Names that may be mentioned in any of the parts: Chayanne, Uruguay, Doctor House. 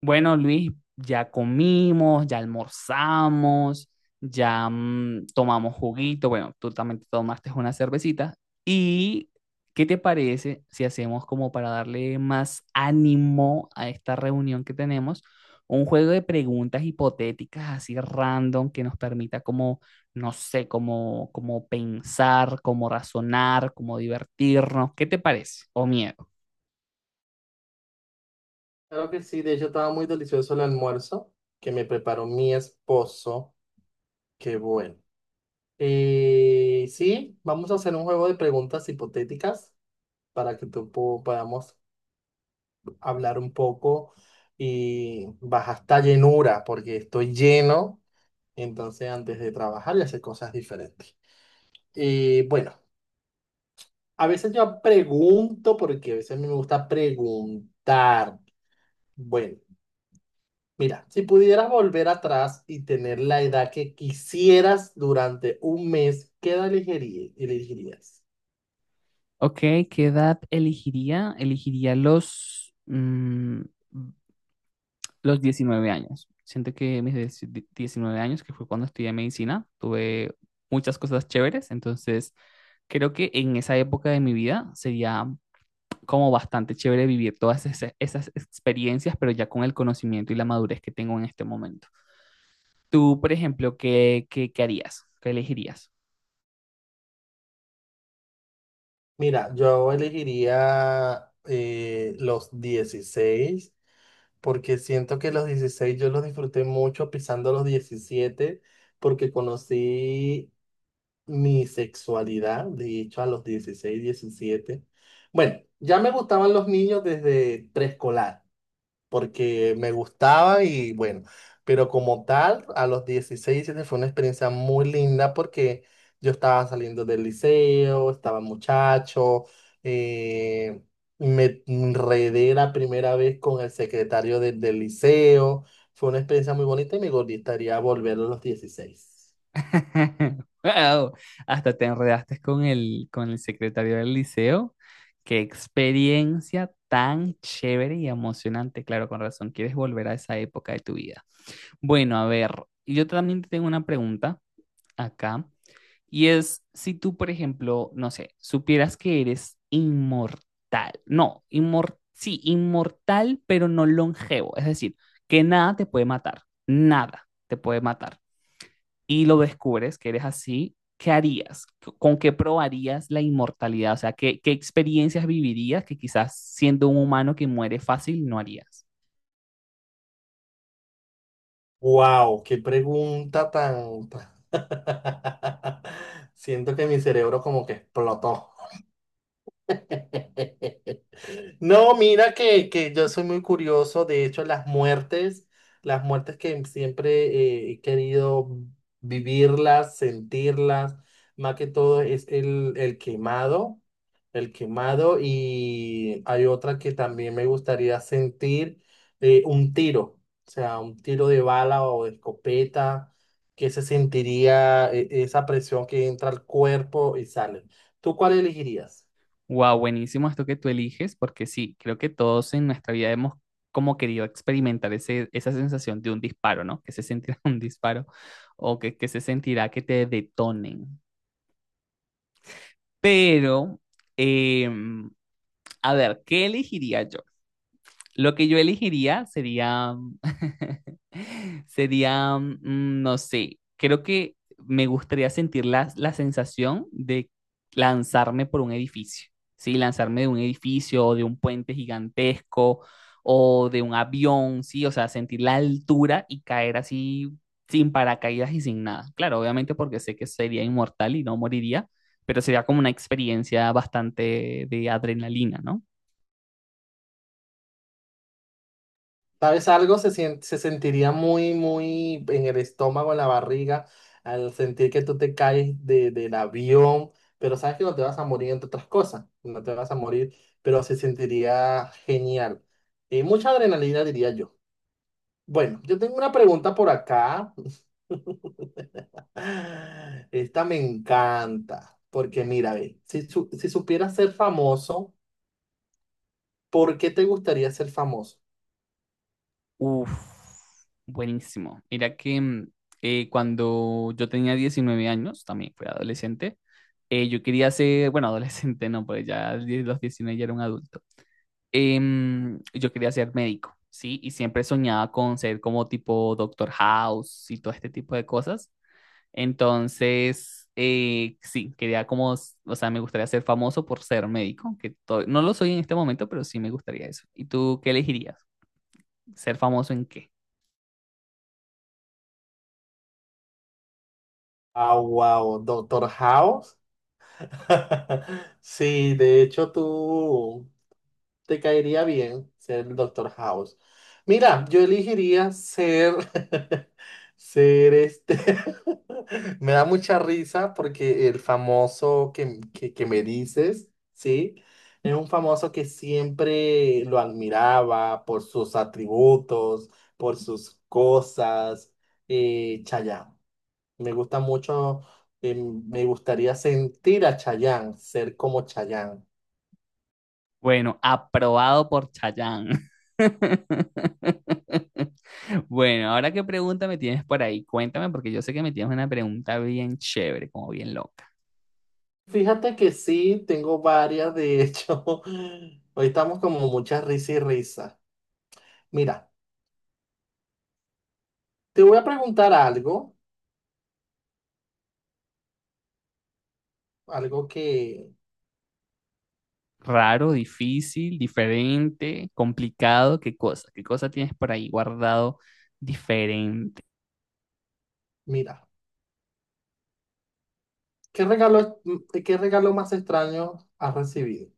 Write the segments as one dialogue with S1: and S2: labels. S1: Bueno, Luis, ya comimos, ya almorzamos, ya tomamos juguito. Bueno, tú también te tomaste una cervecita. ¿Y qué te parece si hacemos como para darle más ánimo a esta reunión que tenemos? Un juego de preguntas hipotéticas así random que nos permita como, no sé, como pensar, como razonar, como divertirnos. ¿Qué te parece? ¿O miedo?
S2: Claro que sí, de hecho estaba muy delicioso el almuerzo que me preparó mi esposo. Qué bueno. Y sí, vamos a hacer un juego de preguntas hipotéticas para que podamos hablar un poco y baja esta llenura, porque estoy lleno, entonces antes de trabajar y hacer cosas diferentes. Y bueno, a veces yo pregunto porque a veces a mí me gusta preguntar. Bueno. Mira, si pudieras volver atrás y tener la edad que quisieras durante un mes, elegirías?
S1: Ok, ¿qué edad elegiría? Elegiría los 19 años. Siento que mis 19 años, que fue cuando estudié medicina, tuve muchas cosas chéveres, entonces creo que en esa época de mi vida sería como bastante chévere vivir todas esas, esas experiencias, pero ya con el conocimiento y la madurez que tengo en este momento. Tú, por ejemplo, ¿qué harías? ¿Qué elegirías?
S2: Mira, yo elegiría los 16, porque siento que los 16 yo los disfruté mucho pisando los 17, porque conocí mi sexualidad, de hecho, a los 16, 17. Bueno, ya me gustaban los niños desde preescolar, porque me gustaba y bueno, pero como tal, a los dieciséis, 17 fue una experiencia muy linda porque yo estaba saliendo del liceo, estaba muchacho, eh, me enredé la primera vez con el del liceo, fue una experiencia muy bonita y me gustaría volver a los dieciséis.
S1: Wow, hasta te enredaste con el secretario del liceo. Qué experiencia tan chévere y emocionante. Claro, con razón, quieres volver a esa época de tu vida. Bueno, a ver, yo también te tengo una pregunta acá y es si tú, por ejemplo, no sé, supieras que eres inmortal. No, inmor sí, inmortal, pero no longevo. Es decir, que nada te puede matar. Nada te puede matar y lo descubres que eres así, ¿qué harías? ¿Con qué probarías la inmortalidad? O sea, ¿qué, qué experiencias vivirías que quizás siendo un humano que muere fácil no harías?
S2: ¡Wow! ¡Qué pregunta tan... Siento que mi cerebro como que explotó! No, mira que yo soy muy curioso. De hecho, las muertes que siempre he querido vivirlas, sentirlas, más que todo es el quemado, el quemado, y hay otra que también me gustaría sentir, un tiro, o sea, un tiro de bala o de escopeta, que se sentiría esa presión que entra al cuerpo y sale. ¿Tú cuál elegirías?
S1: Wow, buenísimo esto que tú eliges, porque sí, creo que todos en nuestra vida hemos como querido experimentar ese, esa sensación de un disparo, ¿no? Que se sentirá un disparo o que se sentirá que te detonen. Pero, em, a ver, ¿qué elegiría yo? Lo que yo elegiría sería, sería, no sé, creo que me gustaría sentir la sensación de lanzarme por un edificio, ¿sí? Lanzarme de un edificio o de un puente gigantesco o de un avión, ¿sí? O sea, sentir la altura y caer así sin paracaídas y sin nada. Claro, obviamente porque sé que sería inmortal y no moriría, pero sería como una experiencia bastante de adrenalina, ¿no?
S2: ¿Sabes algo? Se sentiría muy, muy en el estómago, en la barriga, al sentir que tú te caes del avión, pero sabes que no te vas a morir, entre otras cosas, no te vas a morir, pero se sentiría genial. Y mucha adrenalina, diría yo. Bueno, yo tengo una pregunta por acá. Esta me encanta, porque mira, ve, si supieras ser famoso, ¿por qué te gustaría ser famoso?
S1: Uf, buenísimo. Mira que cuando yo tenía 19 años, también fui adolescente, yo quería ser, bueno, adolescente no, pues ya a los 19 ya era un adulto. Yo quería ser médico, ¿sí? Y siempre soñaba con ser como tipo Doctor House y todo este tipo de cosas. Entonces, sí, quería como, o sea, me gustaría ser famoso por ser médico, que no lo soy en este momento, pero sí me gustaría eso. ¿Y tú qué elegirías? ¿Ser famoso en qué?
S2: Ah, wow, Doctor House. Sí, de hecho tú te caería bien ser el Doctor House. Mira, yo elegiría ser, ser este. Me da mucha risa porque el famoso que me dices, ¿sí? Es un famoso que siempre lo admiraba por sus atributos, por sus cosas. Chayanne. Me gusta mucho, me gustaría sentir a Chayanne, ser como Chayanne.
S1: Bueno, aprobado por Chayanne. Bueno, ahora qué pregunta me tienes por ahí, cuéntame, porque yo sé que me tienes una pregunta bien chévere, como bien loca.
S2: Fíjate que sí, tengo varias, de hecho. Hoy estamos como muchas risas y risas. Mira, te voy a preguntar algo, algo que,
S1: Raro, difícil, diferente, complicado, ¿qué cosa? ¿Qué cosa tienes por ahí guardado diferente?
S2: mira, ¿qué regalo, qué regalo más extraño has recibido?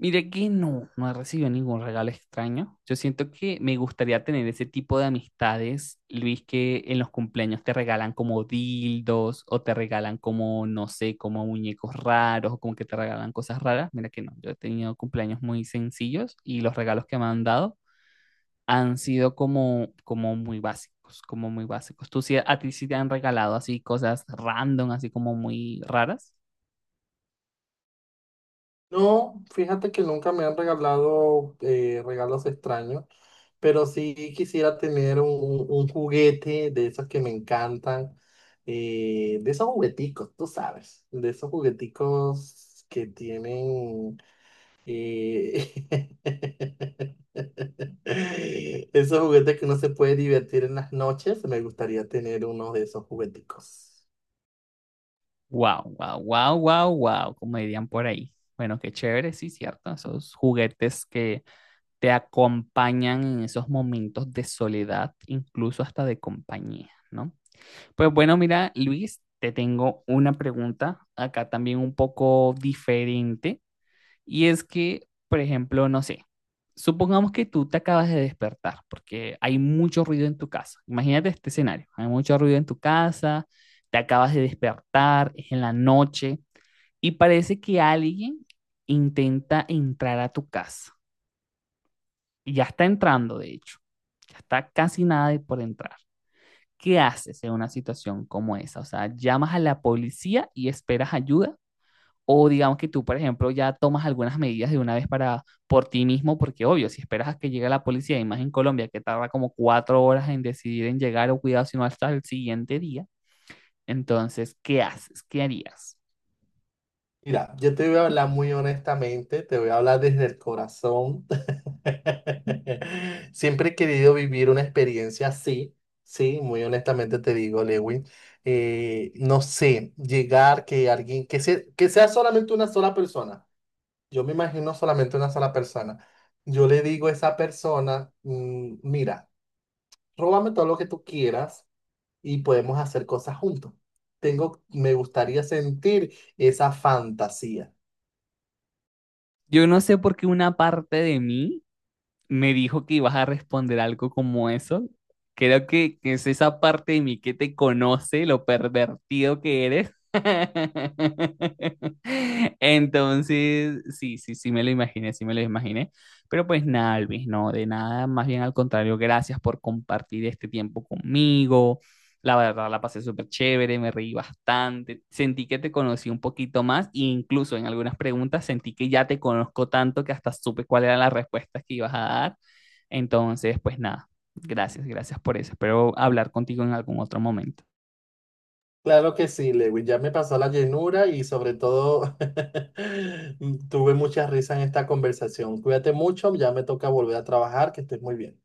S1: Mire que no, no he recibido ningún regalo extraño. Yo siento que me gustaría tener ese tipo de amistades, Luis, que en los cumpleaños te regalan como dildos o te regalan como, no sé, como muñecos raros o como que te regalan cosas raras. Mira que no, yo he tenido cumpleaños muy sencillos y los regalos que me han dado han sido como, como muy básicos, como muy básicos. ¿Tú sí, a ti sí te han regalado así cosas random, así como muy raras?
S2: No, fíjate que nunca me han regalado regalos extraños, pero sí quisiera tener un, un juguete de esos que me encantan, de esos jugueticos, tú sabes, de esos jugueticos que tienen, eh, esos juguetes que uno se puede divertir en las noches, me gustaría tener uno de esos jugueticos.
S1: Wow, wow, wow, wow, wow, como dirían por ahí. Bueno, qué chévere, sí, cierto. Esos juguetes que te acompañan en esos momentos de soledad, incluso hasta de compañía, ¿no? Pues bueno, mira, Luis, te tengo una pregunta acá también un poco diferente. Y es que, por ejemplo, no sé, supongamos que tú te acabas de despertar porque hay mucho ruido en tu casa. Imagínate este escenario, hay mucho ruido en tu casa, te acabas de despertar, es en la noche y parece que alguien intenta entrar a tu casa. Y ya está entrando, de hecho. Ya está casi nada de por entrar. ¿Qué haces en una situación como esa? O sea, llamas a la policía y esperas ayuda o digamos que tú, por ejemplo, ya tomas algunas medidas de una vez para por ti mismo, porque obvio, si esperas a que llegue la policía, y más en Colombia, que tarda como 4 horas en decidir en llegar o cuidado, sino hasta el siguiente día, entonces, ¿qué haces? ¿Qué harías?
S2: Mira, yo te voy a hablar muy honestamente, te voy a hablar desde el corazón. Siempre he querido vivir una experiencia así, sí, muy honestamente te digo, Lewin. No sé, llegar que alguien, que sea solamente una sola persona. Yo me imagino solamente una sola persona. Yo le digo a esa persona, mm, mira, róbame todo lo que tú quieras y podemos hacer cosas juntos. Tengo, me gustaría sentir esa fantasía.
S1: Yo no sé por qué una parte de mí me dijo que ibas a responder algo como eso. Creo que es esa parte de mí que te conoce, lo pervertido que eres. Entonces, sí, sí, sí me lo imaginé, sí me lo imaginé. Pero pues nada, Luis, no, de nada, más bien al contrario, gracias por compartir este tiempo conmigo. La verdad, la pasé súper chévere, me reí bastante, sentí que te conocí un poquito más e incluso en algunas preguntas sentí que ya te conozco tanto que hasta supe cuáles eran las respuestas que ibas a dar. Entonces, pues nada, gracias, gracias por eso. Espero hablar contigo en algún otro momento.
S2: Claro que sí, Lewis. Ya me pasó la llenura y sobre todo tuve mucha risa en esta conversación. Cuídate mucho, ya me toca volver a trabajar, que estés muy bien.